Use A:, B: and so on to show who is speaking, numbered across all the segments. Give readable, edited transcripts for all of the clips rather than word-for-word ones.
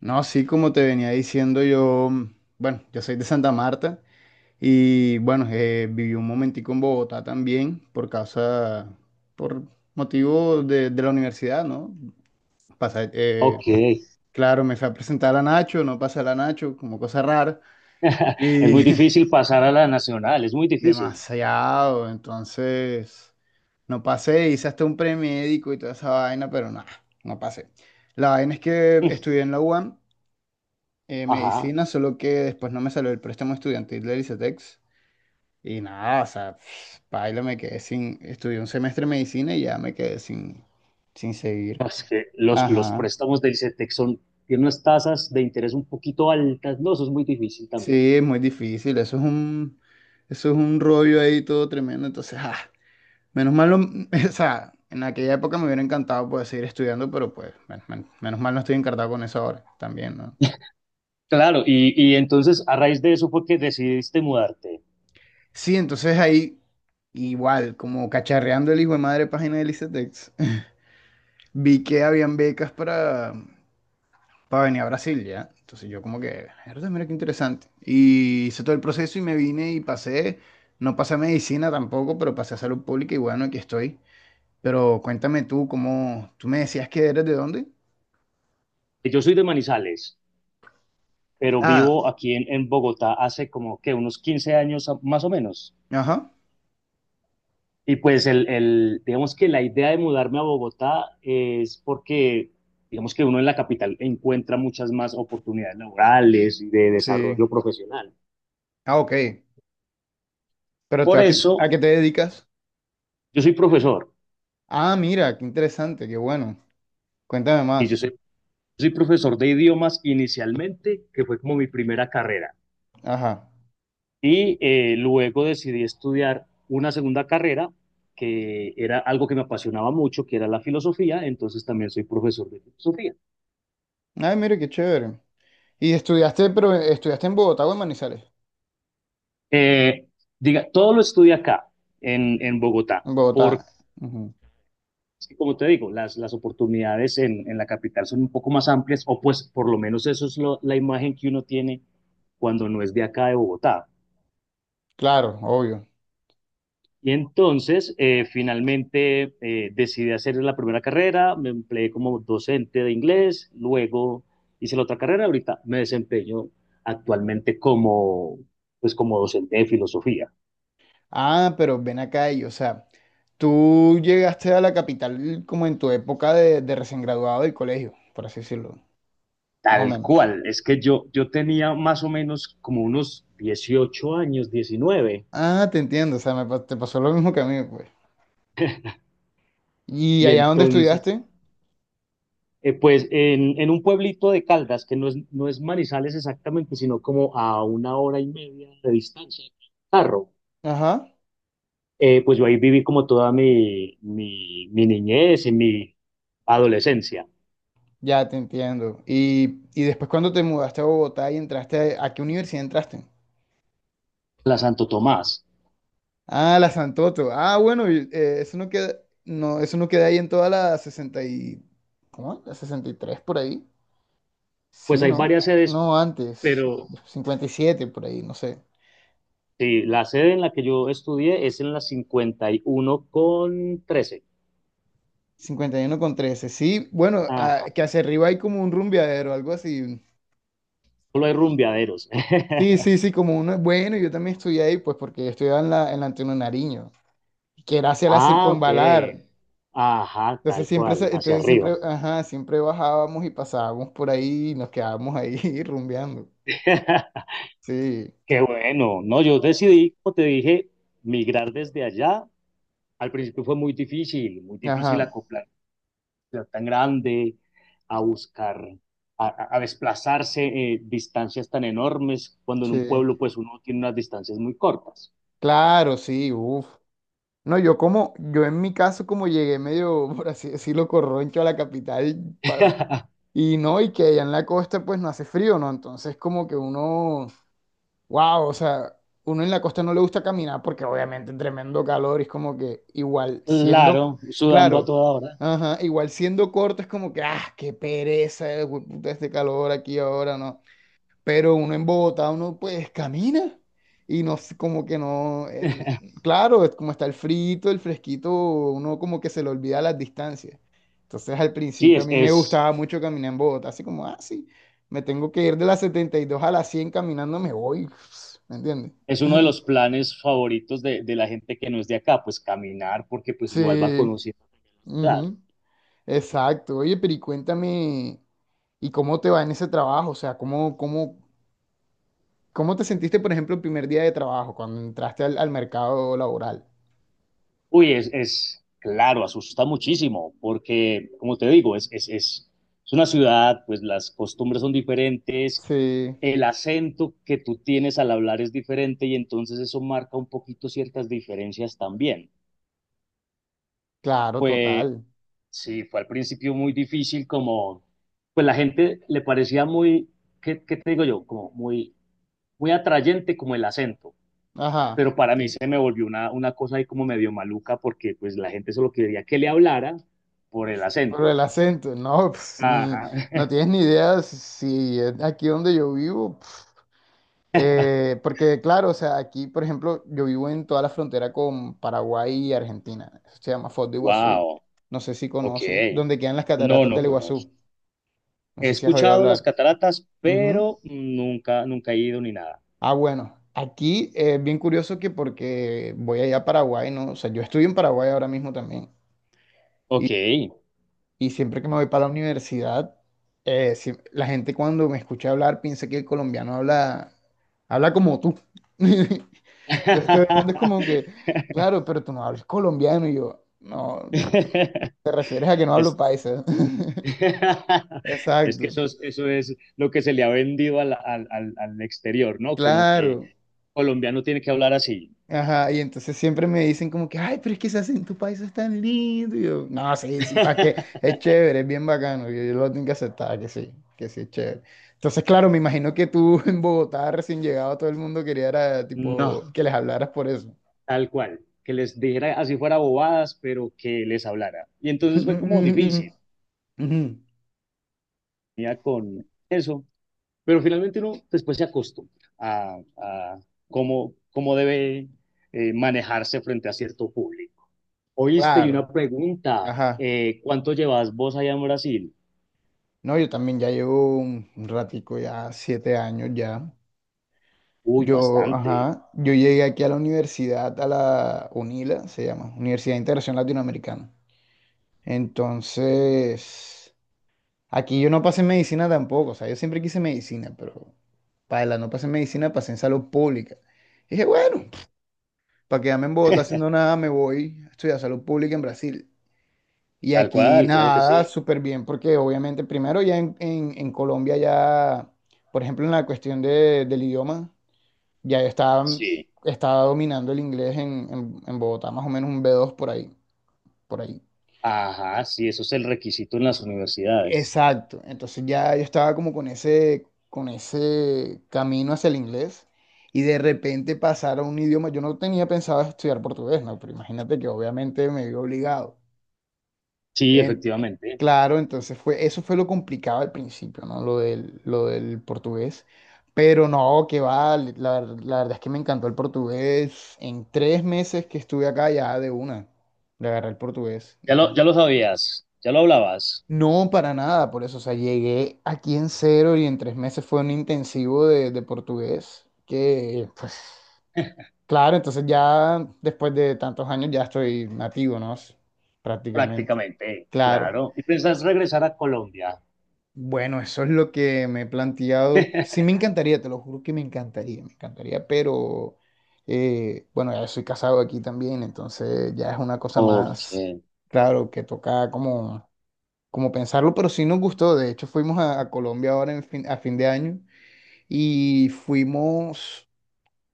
A: No, sí, como te venía diciendo yo, bueno, yo soy de Santa Marta y bueno, viví un momentico en Bogotá también por motivo de la universidad, ¿no? Pasé,
B: Ok.
A: claro, me fui a presentar a Nacho, no pasé a la Nacho, como cosa rara
B: Es
A: y
B: muy difícil pasar a la nacional, es muy difícil.
A: demasiado, entonces no pasé, hice hasta un premédico y toda esa vaina, pero nada, no pasé. La vaina es que estudié en la UAM
B: Ajá.
A: medicina, solo que después no me salió el préstamo estudiantil de ICETEX. Y nada, o sea, paila, me quedé sin. Estudié un semestre de medicina y ya me quedé sin seguir.
B: Es que los
A: Ajá.
B: préstamos del Cetex son, tienen unas tasas de interés un poquito altas, no, eso es muy difícil también.
A: Sí, es muy difícil. Eso es un rollo ahí todo tremendo. Entonces, menos mal, o sea, en aquella época me hubiera encantado poder seguir estudiando, pero pues, menos mal no estoy encartado con eso ahora también, ¿no?
B: Claro, y entonces a raíz de eso fue que decidiste mudarte.
A: Sí, entonces ahí, igual, como cacharreando el hijo de madre página de ICETEX. Vi que habían becas para venir a Brasil, ¿ya? Entonces yo como que, "Mierda, mira qué interesante. Y hice todo el proceso y me vine y pasé, no pasé a medicina tampoco, pero pasé a salud pública y bueno, aquí estoy. Pero cuéntame tú, ¿cómo? ¿Tú me decías que eres de dónde?
B: Yo soy de Manizales, pero
A: Ah,
B: vivo aquí en Bogotá hace como que unos 15 años a- más o menos.
A: ajá,
B: Y pues digamos que la idea de mudarme a Bogotá es porque, digamos que uno en la capital encuentra muchas más oportunidades laborales y de
A: sí.
B: desarrollo profesional.
A: Ah, ok. Pero tú
B: Por
A: a qué,
B: eso,
A: a qué te dedicas?
B: yo soy profesor
A: Ah, mira, qué interesante, qué bueno. Cuéntame
B: y
A: más.
B: soy profesor de idiomas inicialmente, que fue como mi primera carrera.
A: Ajá.
B: Y luego decidí estudiar una segunda carrera que era algo que me apasionaba mucho, que era la filosofía, entonces también soy profesor de filosofía.
A: Ay, mira, qué chévere. ¿Y pero estudiaste en Bogotá o en Manizales?
B: Eh, Diga, todo lo estudia acá, en Bogotá,
A: En Bogotá.
B: porque,
A: Ujú.
B: como te digo, las oportunidades en la capital son un poco más amplias, o pues por lo menos eso es lo- la imagen que uno tiene cuando no es de acá de Bogotá.
A: Claro, obvio.
B: Y entonces, finalmente, decidí hacer la primera carrera, me empleé como docente de inglés, luego hice la otra carrera, ahorita me desempeño actualmente como, pues como docente de filosofía.
A: Ah, pero ven acá y, o sea, tú llegaste a la capital como en tu época de recién graduado del colegio, por así decirlo, más o
B: Tal
A: menos.
B: cual, es que yo tenía más o menos como unos 18 años, 19
A: Ah, te entiendo, o sea, te pasó lo mismo que a mí, pues. ¿Y
B: y
A: allá donde
B: entonces,
A: estudiaste?
B: pues en, un pueblito de Caldas, que no es Manizales exactamente, sino como a una hora y media de distancia, carro,
A: Ajá,
B: pues yo ahí viví como toda mi niñez y mi adolescencia,
A: ya te entiendo. ¿Y después cuando te mudaste a Bogotá y entraste, a qué universidad entraste?
B: la Santo Tomás.
A: Ah, la Santoto. Ah, bueno, y, eso no queda, no, eso no queda ahí en toda la 60 y, ¿cómo? La 63 por ahí.
B: Pues
A: Sí,
B: hay
A: ¿no?
B: varias sedes,
A: No, antes,
B: pero
A: 57 por ahí, no sé.
B: sí, la sede en la que yo estudié es en la 51 con 13.
A: 51 con 13, sí. Bueno, que hacia arriba hay como un rumbeadero, algo así.
B: Solo hay
A: como-
B: rumbeaderos.
A: Sí, sí, sí, como uno. Bueno, yo también estudié ahí, pues porque yo estudiaba en la Antonio Nariño, que era hacia la
B: Ah, ok.
A: circunvalar.
B: Ajá,
A: Entonces
B: tal
A: siempre,
B: cual, hacia arriba.
A: ajá, siempre bajábamos y pasábamos por ahí y nos quedábamos ahí rumbeando. Sí,
B: Qué bueno. No, yo decidí, como te dije, migrar desde allá. Al principio fue muy difícil
A: ajá,
B: acoplar ciudad tan grande, a buscar, a desplazarse distancias tan enormes, cuando en un
A: sí.
B: pueblo pues uno tiene unas distancias muy cortas.
A: Claro, sí, uff. No, yo como, yo en mi caso como llegué medio, por así decirlo, corroncho a la capital pa- y no, y que allá en la costa pues no hace frío, ¿no? Entonces como que uno, wow, o sea, uno en la costa no le gusta caminar porque obviamente tremendo calor y es como que igual siendo,
B: Claro, sudando a
A: claro,
B: toda hora.
A: ajá, igual siendo corto es como que, qué pereza, güey, puta, este calor aquí ahora, ¿no? Pero uno en Bogotá, uno pues camina y no, como que no, claro, es como está el frito, el fresquito, uno como que se le olvida las distancias. Entonces al
B: Sí,
A: principio a
B: es,
A: mí me
B: es,
A: gustaba mucho caminar en Bogotá, así como, sí, me tengo que ir de la 72 a la 100 caminando, me voy, ¿me entiendes?
B: Es uno de los planes favoritos de la gente que no es de acá, pues caminar, porque pues igual va
A: Sí,
B: conociendo la ciudad.
A: ujú, exacto. Oye, pero y cuéntame, ¿y cómo te va en ese trabajo? O sea, ¿cómo te sentiste, por ejemplo, el primer día de trabajo, cuando entraste al mercado laboral?
B: Uy, es claro, asusta muchísimo, porque como te digo, es una ciudad, pues las costumbres son diferentes,
A: Sí,
B: el acento que tú tienes al hablar es diferente y entonces eso marca un poquito ciertas diferencias también.
A: claro,
B: Pues
A: total.
B: sí, fue al principio muy difícil como, pues la gente le parecía muy, ¿qué, qué te digo yo? Como muy muy atrayente como el acento,
A: Ajá.
B: pero para mí
A: Sí.
B: se me volvió una cosa ahí como medio maluca porque pues la gente solo quería que le hablara por el
A: Pero
B: acento.
A: el acento, no, pues, ni,
B: Ajá.
A: no tienes ni idea si es aquí donde yo vivo. Porque, claro, o sea, aquí, por ejemplo, yo vivo en toda la frontera con Paraguay y Argentina. Eso se llama Foz de Iguazú.
B: Wow,
A: No sé si
B: ok.
A: conoces, donde quedan las
B: No,
A: cataratas
B: no
A: del Iguazú.
B: conozco.
A: No
B: He
A: sé si has oído
B: escuchado las
A: hablar.
B: cataratas,
A: Ujú.
B: pero nunca, nunca he ido ni nada.
A: Ah, bueno, aquí es bien curioso que porque voy allá a Paraguay, ¿no? O sea, yo estoy en Paraguay ahora mismo también.
B: Ok.
A: Y siempre que me voy para la universidad, la gente cuando me escucha hablar piensa que el colombiano habla, como tú. Entonces todo el mundo es como que, claro, pero tú no hablas colombiano. Y yo, no, te refieres a que no hablo
B: Es,
A: paisa.
B: es que
A: Exacto,
B: eso es lo que se le ha vendido al exterior, ¿no? Como que
A: claro.
B: colombiano tiene que hablar así.
A: Ajá, y entonces siempre me dicen como que, ay, pero es que se hace en tu país es tan lindo. Y yo, no, sí, sí, para qué, es chévere, es bien bacano. Y yo lo tengo que aceptar, que sí es chévere. Entonces, claro, me imagino que tú en Bogotá recién llegado, todo el mundo quería era, tipo,
B: No,
A: que les hablaras por eso.
B: tal cual, que les dijera así fuera bobadas, pero que les hablara. Y entonces fue como
A: Ujú,
B: difícil, ya con eso, pero finalmente uno después se acostumbra a cómo, cómo debe manejarse frente a cierto público. Oíste, y una
A: claro,
B: pregunta,
A: ajá.
B: ¿cuánto llevas vos allá en Brasil?
A: No, yo también ya llevo un ratico, ya 7 años ya.
B: Uy,
A: Yo,
B: bastante,
A: ajá, yo llegué aquí a la universidad, a la UNILA, se llama, Universidad de Integración Latinoamericana. Entonces, aquí yo no pasé en medicina tampoco, o sea, yo siempre quise medicina, pero para la no pasé en medicina, pasé en salud pública. Y dije, bueno, para quedarme en Bogotá haciendo nada, me voy a estudiar salud pública en Brasil. Y
B: tal
A: aquí
B: cual, claro que
A: nada,
B: sí.
A: súper bien, porque obviamente primero ya en Colombia ya, por ejemplo, en la cuestión del idioma, ya yo estaba,
B: Sí,
A: estaba dominando el inglés en Bogotá, más o menos un B2 por ahí, por ahí.
B: ajá, sí, eso es el requisito en las universidades.
A: Exacto. Entonces ya yo estaba como con ese camino hacia el inglés y de repente pasar a un idioma. Yo no tenía pensado estudiar portugués, ¿no? Pero imagínate que obviamente me vi obligado.
B: Sí,
A: En-
B: efectivamente.
A: claro, entonces eso fue lo complicado al principio, ¿no? Lo del portugués. Pero no, que va, la verdad es que me encantó el portugués. En 3 meses que estuve acá ya de una, le agarré el portugués. Entonces,
B: Ya lo sabías, ya lo hablabas.
A: no, para nada, por eso, o sea, llegué aquí en cero y en 3 meses fue un intensivo de portugués, que pues claro, entonces ya después de tantos años ya estoy nativo, ¿no? Prácticamente.
B: Prácticamente,
A: Claro.
B: claro. ¿Y
A: Eh,
B: piensas regresar a Colombia?
A: Bueno, eso es lo que me he planteado. Sí, me encantaría, te lo juro que me encantaría, pero bueno, ya soy casado aquí también, entonces ya es una cosa
B: Ok,
A: más, claro, que toca como pensarlo, pero sí nos gustó. De hecho, fuimos a Colombia ahora a fin de año y fuimos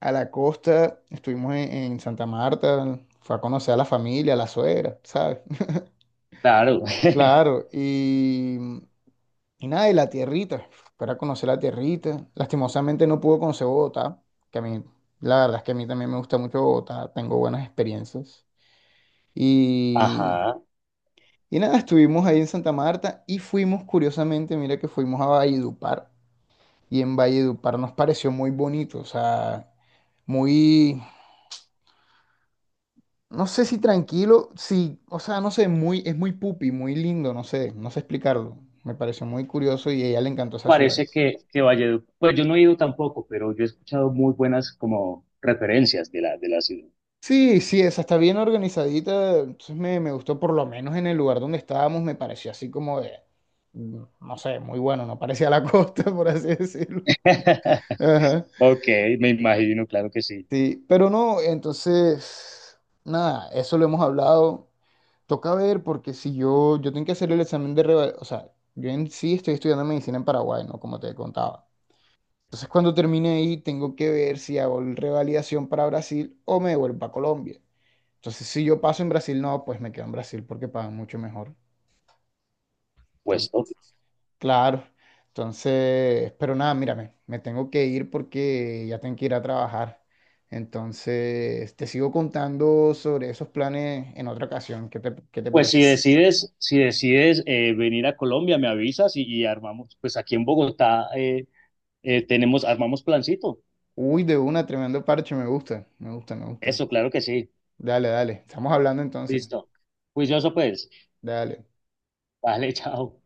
A: a la costa, estuvimos en Santa Marta, fue a conocer a la familia, a la suegra, ¿sabes?
B: claro.
A: Claro, y nada, y la tierrita, para conocer la tierrita. Lastimosamente no pude conocer Bogotá, que a mí, la verdad es que a mí también me gusta mucho Bogotá, tengo buenas experiencias. Y,
B: Ajá.
A: y nada, estuvimos ahí en Santa Marta y fuimos, curiosamente, mira que fuimos a Valledupar y en Valledupar nos pareció muy bonito, o sea, muy, no sé si tranquilo, sí, o sea, no sé, muy, es muy pupi, muy lindo, no sé, no sé explicarlo. Me pareció muy curioso y a ella le encantó esa ciudad.
B: Parece que Valledupar, pues yo no he ido tampoco, pero yo he escuchado muy buenas como referencias de la ciudad.
A: Sí, sí, esa está bien organizadita, entonces me gustó por lo menos en el lugar donde estábamos, me pareció así como no sé, muy bueno, no parecía la costa, por así decirlo. Ajá.
B: Ok, me imagino, claro que sí.
A: Sí, pero no, entonces, nada, eso lo hemos hablado. Toca ver porque si yo tengo que hacer el examen o sea, yo en sí estoy estudiando medicina en Paraguay, ¿no? Como te contaba. Entonces cuando termine ahí tengo que ver si hago el revalidación para Brasil o me vuelvo a Colombia. Entonces si yo paso en Brasil, no, pues me quedo en Brasil porque pagan mucho mejor.
B: Pues,
A: Entonces,
B: ok.
A: claro. Entonces, pero nada, mírame, me tengo que ir porque ya tengo que ir a trabajar. Entonces, te sigo contando sobre esos planes en otra ocasión. ¿Qué te
B: Pues
A: parece?
B: si decides, si decides venir a Colombia, me avisas y armamos, pues aquí en Bogotá tenemos, armamos plancito.
A: Uy, de una, tremendo parche, me gusta, me gusta, me gusta.
B: Eso, claro que sí.
A: Dale, dale, estamos hablando entonces.
B: Listo. Juicioso pues.
A: Dale.
B: Vale, chao.